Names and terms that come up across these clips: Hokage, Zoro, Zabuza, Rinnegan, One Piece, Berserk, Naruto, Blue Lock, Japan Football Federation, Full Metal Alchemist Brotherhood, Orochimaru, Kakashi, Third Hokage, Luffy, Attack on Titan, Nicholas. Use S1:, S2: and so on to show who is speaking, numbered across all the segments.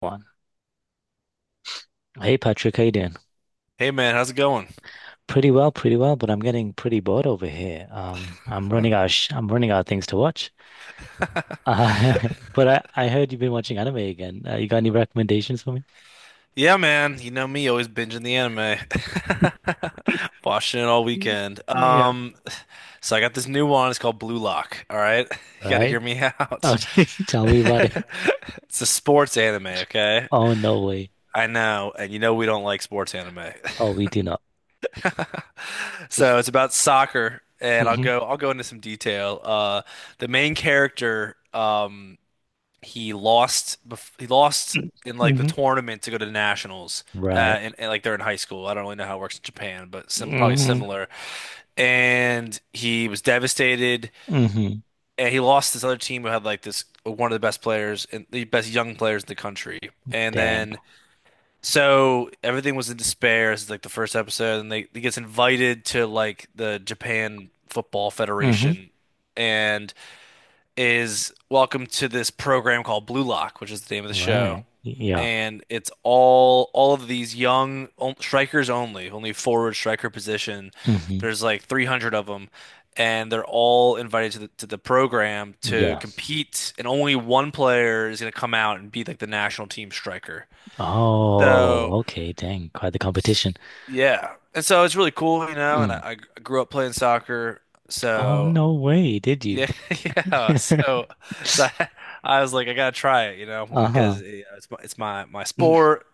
S1: One. Hey Patrick, how you doing?
S2: Hey man, how's it going?
S1: Pretty well, pretty well, but I'm getting pretty bored over here. I'm running out of sh I'm running out of things to watch. Uh, but I heard you've been watching anime again. You got any recommendations for me?
S2: Yeah, man, you know me, always binging the anime. Watching it all
S1: Mm.
S2: weekend.
S1: Yeah.
S2: So I got this new one, it's called Blue Lock, all right? You gotta
S1: Right?
S2: hear me out.
S1: Okay, tell me about it.
S2: It's a sports anime, okay?
S1: Oh no way.
S2: I know, and you know we don't like sports anime.
S1: Oh, we do not.
S2: So it's about soccer, and
S1: Hmm
S2: I'll go into some detail. The main character, he lost he lost in like the
S1: hmm.
S2: tournament to go to the nationals
S1: Right.
S2: and like they're in high school. I don't really know how it works in Japan, but sim probably
S1: Hmm
S2: similar. And he was devastated,
S1: hmm.
S2: and he lost this other team who had like this one of the best players and the best young players in the country, and
S1: Dang.
S2: then, so everything was in despair. This is like the first episode, and they he gets invited to like the Japan Football
S1: Hmm.
S2: Federation and is welcome to this program called Blue Lock, which is the name of the show.
S1: Right. Yeah.
S2: And it's all of these strikers, only, only forward striker position.
S1: Hmm.
S2: There's like 300 of them, and they're all invited to the program to
S1: Yeah.
S2: compete. And only one player is going to come out and be like the national team striker. So
S1: Oh, okay. Dang. Quite the competition.
S2: yeah, and so it's really cool, you know.
S1: Mm.
S2: I grew up playing soccer,
S1: Oh,
S2: so
S1: no way, did you?
S2: yeah, yeah. So I, I was like, I gotta try it, you know, because
S1: Uh-huh.
S2: it's my sport,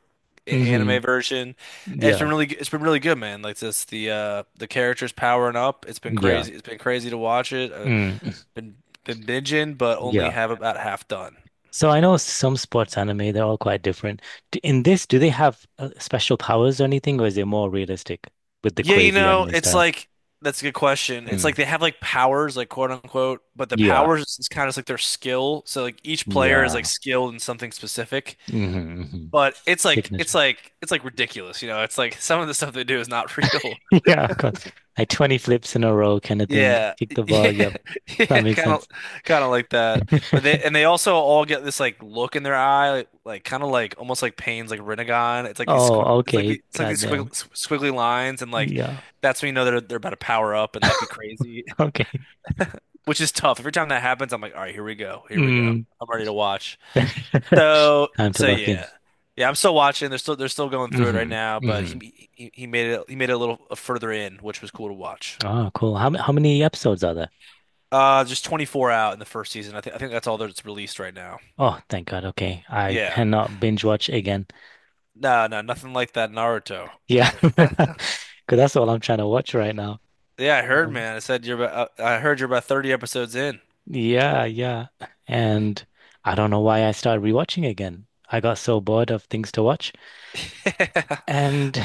S2: anime
S1: Hmm.
S2: version. And it's
S1: Yeah.
S2: been really, it's been really good, man. Like this, the characters powering up. It's been
S1: Yeah,
S2: crazy.
S1: crazy.
S2: It's been crazy to watch it.
S1: Mm.
S2: Been been binging, but only
S1: Yeah.
S2: have about half done.
S1: So I know some sports anime, they're all quite different. In this, do they have special powers or anything, or is it more realistic with the
S2: Yeah, you
S1: crazy
S2: know,
S1: anime
S2: it's
S1: style?
S2: like that's a good question. It's
S1: Mm.
S2: like they have like powers, like quote unquote, but the
S1: Yeah.
S2: powers is kind of like their skill. So like each player is like
S1: Yeah.
S2: skilled in something specific.
S1: Hmm hmm.
S2: But it's like it's
S1: Signature.
S2: like it's like ridiculous, you know. It's like some of the stuff they do is not real.
S1: Yeah, of course. Like 20 flips in a row kind of thing.
S2: Yeah.
S1: Kick the ball. Yep.
S2: Yeah.
S1: That
S2: Yeah,
S1: makes sense.
S2: kind of like that. But they, and they also all get this like look in their eye, like kind of like almost like Payne's like Rinnegan.
S1: Oh,
S2: It's like
S1: okay.
S2: it's like these
S1: Goddamn.
S2: squiggly lines, and like
S1: Yeah.
S2: that's when you know they're about to power up and like be crazy,
S1: Okay.
S2: which is tough. Every time that happens, I'm like, "All right, here we go. Here we go.
S1: Mm.
S2: I'm ready to watch." So
S1: Time to
S2: so
S1: lock in.
S2: yeah. Yeah, I'm still watching. They're still going through it right
S1: Hmm
S2: now, but
S1: hmm.
S2: he made it, he made it a little further in, which was cool to watch.
S1: Oh, cool. How many episodes are there?
S2: Uh, just 24 out in the first season. I think that's all that's released right now.
S1: Oh, thank God. Okay. I
S2: Yeah.
S1: cannot binge watch again.
S2: No, Nothing like that Naruto.
S1: Yeah. Because that's all I'm trying to watch right now.
S2: Yeah, I heard,
S1: Um,
S2: man. I said you're about I heard you're about 30 episodes in.
S1: yeah, yeah. And I don't know why I started rewatching again. I got so bored of things to watch. And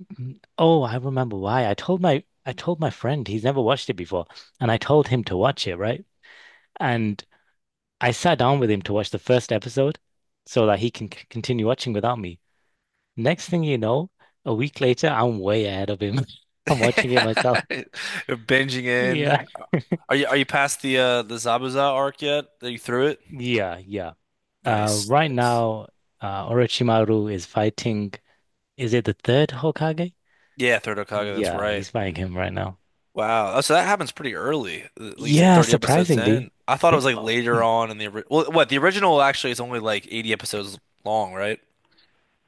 S1: oh, I remember why. I told my friend he's never watched it before, and I told him to watch it, right? And I sat down with him to watch the first episode so that he can c continue watching without me. Next thing you know, a week later, I'm way ahead of him. I'm
S2: Yeah.
S1: watching it myself.
S2: You're binging in.
S1: Yeah.
S2: Are you past the Zabuza arc yet? Are you through it?
S1: Yeah, yeah.
S2: Nice.
S1: Right
S2: Nice.
S1: now, Orochimaru is fighting. Is it the third Hokage?
S2: Yeah, Third Hokage, that's
S1: Yeah,
S2: right.
S1: he's fighting him right now.
S2: Wow. Oh, so that happens pretty early, at least at
S1: Yeah,
S2: 30 episodes
S1: surprisingly.
S2: in. I thought it was like
S1: Oh,
S2: later
S1: mm.
S2: on in the well, what the original actually is only like 80 episodes long, right?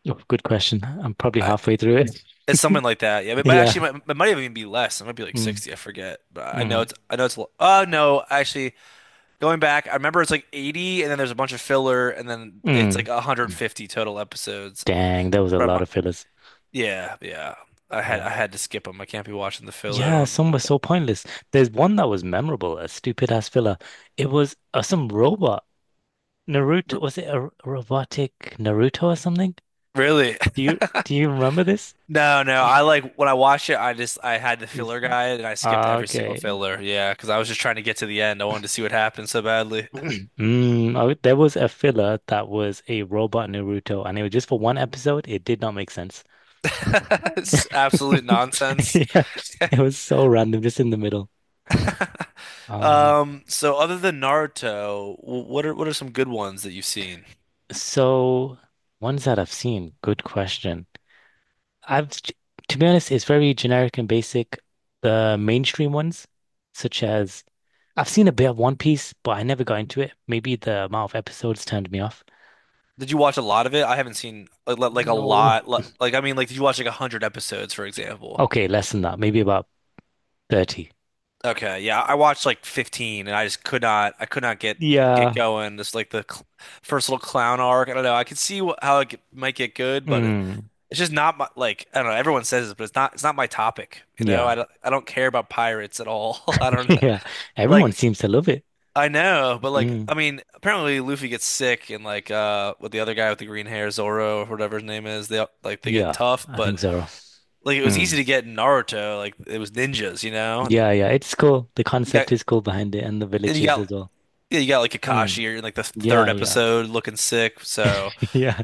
S1: Oh, good question. I'm probably
S2: I,
S1: halfway through it.
S2: it's something like that. Yeah, but,
S1: Yeah.
S2: actually, it might even be less. It might be like
S1: Mm,
S2: 60. I forget. But
S1: mm,
S2: I know it's, oh no, actually, going back, I remember it's like 80, and then there's a bunch of filler, and then it's
S1: mm.
S2: like 150 total episodes.
S1: Dang, there was a
S2: From
S1: lot
S2: my-
S1: of fillers.
S2: yeah, yeah.
S1: Yeah.
S2: I had to skip them. I can't be watching the filler. I
S1: Yeah,
S2: don't
S1: some were so pointless. There's one that was memorable, a stupid ass filler. It was some robot. Naruto,
S2: have,
S1: was it a robotic Naruto or something?
S2: Really?
S1: Do you remember this?
S2: No, no. I like when I watched it, I had the
S1: Yes.
S2: filler guide, and I skipped
S1: Ah,
S2: every single
S1: okay.
S2: filler. Yeah, because I was just trying to get to the end. I wanted to see what happened so badly.
S1: Mm, oh, there was a filler that was a robot Naruto, and it was just for one episode. It did not make sense.
S2: It's absolute nonsense.
S1: Yeah, it was so random, just in the middle. Um,
S2: So other than Naruto, what are some good ones that you've seen?
S1: so ones that I've seen, good question. I've t- to be honest, it's very generic and basic. The mainstream ones, such as I've seen a bit of One Piece, but I never got into it. Maybe the amount of episodes turned me off.
S2: Did you watch a lot of it? I haven't seen like like a
S1: No.
S2: lot. Like I mean, like did you watch like a hundred episodes, for example?
S1: Okay, less than that, maybe about 30.
S2: Okay, yeah, I watched like 15, and I just could not I could not get
S1: Yeah.
S2: going. Just like the cl first little clown arc. I don't know. I could see wh how it might get good, but
S1: Mm,
S2: it's just not my like, I don't know. Everyone says this, but it's not my topic, you know?
S1: yeah.
S2: I don't care about pirates at all. I don't know.
S1: Yeah. Everyone
S2: Like,
S1: seems to love it.
S2: I know, but like
S1: Mm,
S2: I mean, apparently Luffy gets sick and like with the other guy with the green hair, Zoro or whatever his name is, they like they get
S1: yeah,
S2: tough,
S1: I think
S2: but
S1: so.
S2: like it was easy
S1: Mm.
S2: to get in Naruto, like it was ninjas, you know?
S1: Yeah, yeah. It's cool. The
S2: You got
S1: concept is cool behind it and the
S2: and you
S1: villages
S2: got
S1: as well.
S2: yeah, you got like
S1: Mm,
S2: Kakashi or like the third
S1: yeah, yeah.
S2: episode looking sick. So
S1: Yeah.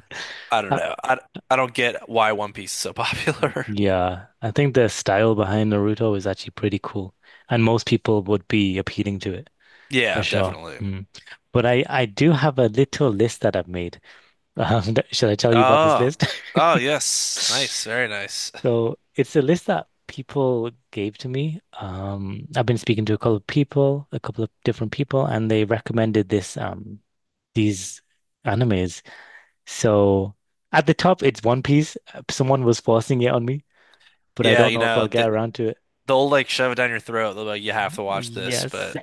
S2: I don't know. I don't get why One Piece is so popular.
S1: Yeah, I think the style behind Naruto is actually pretty cool, and most people would be appealing to it for
S2: Yeah,
S1: sure.
S2: definitely.
S1: Mm. But I do have a little list that I've made. Should I tell you about this
S2: Oh,
S1: list?
S2: oh yes, nice, very nice.
S1: So it's a list that people gave to me. I've been speaking to a couple of people, a couple of different people, and they recommended this these animes. So at the top, it's One Piece. Someone was forcing it on me, but I
S2: Yeah,
S1: don't
S2: you
S1: know if
S2: know
S1: I'll
S2: they,
S1: get around to it.
S2: they'll like shove it down your throat. They'll be like, you have to watch this,
S1: Yes,
S2: but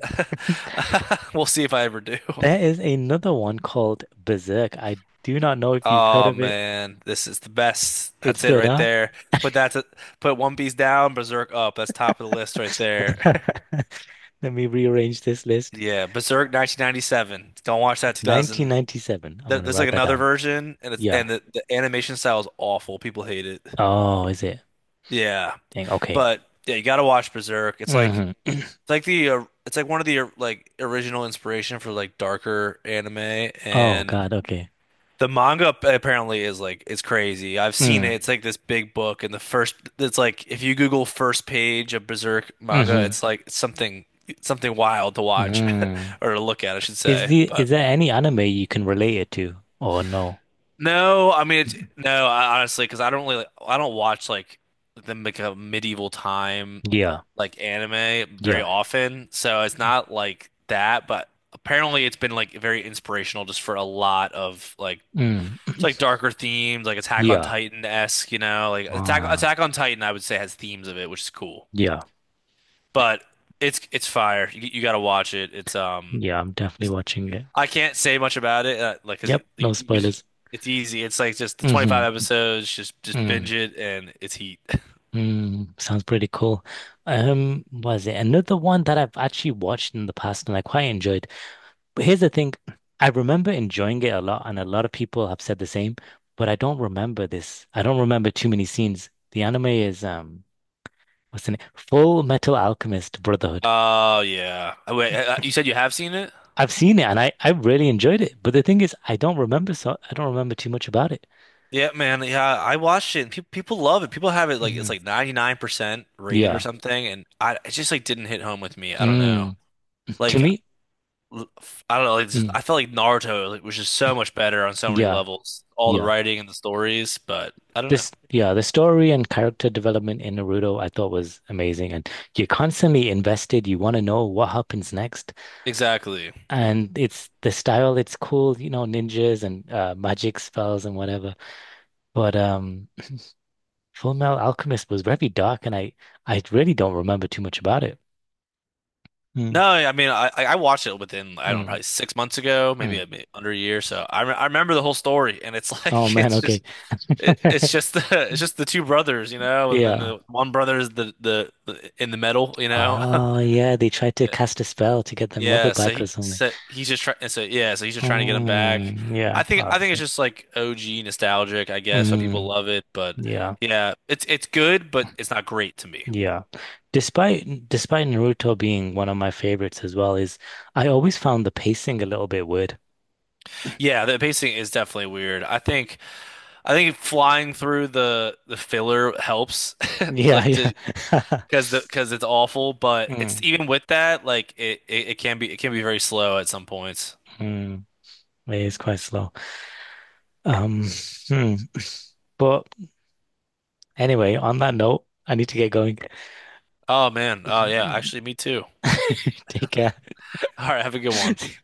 S2: we'll see if I ever do.
S1: there is another one called Berserk. I do not know if you've heard
S2: Oh
S1: of it.
S2: man, this is the best.
S1: It's
S2: That's it
S1: good,
S2: right
S1: huh?
S2: there. Put that to, Put One Piece down, Berserk up. That's top of the list right there.
S1: Let me rearrange this list.
S2: Yeah, Berserk 1997. Don't watch that 2000.
S1: 1997. I'm gonna
S2: There's like
S1: write that
S2: another
S1: down.
S2: version, and it's
S1: Yeah.
S2: and the animation style is awful. People hate it.
S1: Oh, is it?
S2: Yeah,
S1: Dang. Okay.
S2: but yeah, you gotta watch Berserk.
S1: Hmm.
S2: It's like the it's like one of the like original inspiration for like darker anime,
S1: Oh
S2: and
S1: God. Okay.
S2: the apparently is like it's crazy. I've seen it.
S1: Mm.
S2: It's like this big book, and the first it's like if you Google first page of Berserk manga,
S1: Hmm
S2: it's like something wild to watch
S1: hmm.
S2: or to look at, I should
S1: Is
S2: say.
S1: the
S2: But
S1: is there any anime you can relate it to? Or no?
S2: no, I mean it's no, I, honestly, because I don't watch like the like a medieval time
S1: Yeah.
S2: like anime very
S1: Yeah.
S2: often, so it's not like that. But apparently, it's been like very inspirational just for a lot of like
S1: Mm.
S2: it's like darker themes, like Attack on
S1: Yeah.
S2: Titan-esque, you know, like
S1: Ah.
S2: Attack on Titan, I would say, has themes of it, which is cool.
S1: Yeah.
S2: But it's fire. You got to watch it. It's.
S1: Yeah. I'm definitely watching it.
S2: I can't say much about it, like, cause
S1: Yep. No
S2: you just-
S1: spoilers.
S2: it's easy. It's like just the 25
S1: Hmm.
S2: episodes, just
S1: Mm,
S2: binge it, and it's heat.
S1: mm, sounds pretty cool. Was it another one that I've actually watched in the past and I quite enjoyed? But here's the thing, I remember enjoying it a lot, and a lot of people have said the same, but I don't remember this. I don't remember too many scenes. The anime is what's the name? Full Metal Alchemist Brotherhood.
S2: Oh yeah. Oh, wait, you said you have seen it?
S1: I've seen it and I really enjoyed it, but the thing is, I don't remember too much about it.
S2: Yeah, man. Yeah, I watched it. And pe people love it. People have it like it's
S1: Mhm.
S2: like 99% rated or
S1: Yeah.
S2: something, and I it just like didn't hit home with me. I don't know.
S1: Mm. To
S2: Like
S1: me,
S2: l- I don't know. Like, just,
S1: mm,
S2: I felt like Naruto, like, was just so much better on so many
S1: yeah,
S2: levels. All the
S1: yeah.
S2: writing and the stories, but I don't know.
S1: This, yeah, the story and character development in Naruto I thought was amazing. And you're constantly invested. You want to know what happens next.
S2: Exactly.
S1: And it's the style, it's cool, you know, ninjas and magic spells and whatever. But Full Metal Alchemist was very dark and I really don't remember too much about it. Mm,
S2: No, I mean, I watched it within, I don't know,
S1: mm,
S2: probably 6 months ago, maybe,
S1: mm.
S2: a bit under a year. So I remember the whole story, and it's
S1: Oh
S2: like
S1: man,
S2: it's
S1: okay.
S2: just it's just the it's just the two brothers, you know, and then
S1: Yeah.
S2: the one brother is the in the middle, you know.
S1: Oh yeah, they tried to
S2: Yeah,
S1: cast a spell to get their mother
S2: yeah.
S1: back or something.
S2: He's just trying. So yeah, so he's just trying to get him back.
S1: Mm, yeah. Oh,
S2: I think it's
S1: so-
S2: just like OG nostalgic, I guess, so people
S1: Mm,
S2: love it. But
S1: yeah.
S2: yeah, it's good, but it's not great to me.
S1: Yeah. Despite Naruto being one of my favorites as well, is I always found the pacing a little bit weird.
S2: Yeah, the pacing is definitely weird. I think. I think flying through the filler helps,
S1: Yeah,
S2: like to
S1: yeah.
S2: because the because it's awful. But it's
S1: Mm,
S2: even with that, like it can be it can be very slow at some points.
S1: mm. It is quite slow. Um, hmm. But anyway, on that note, I need to get going.
S2: Oh man. Oh yeah. Actually, me too.
S1: Take care.
S2: All right. Have a good one.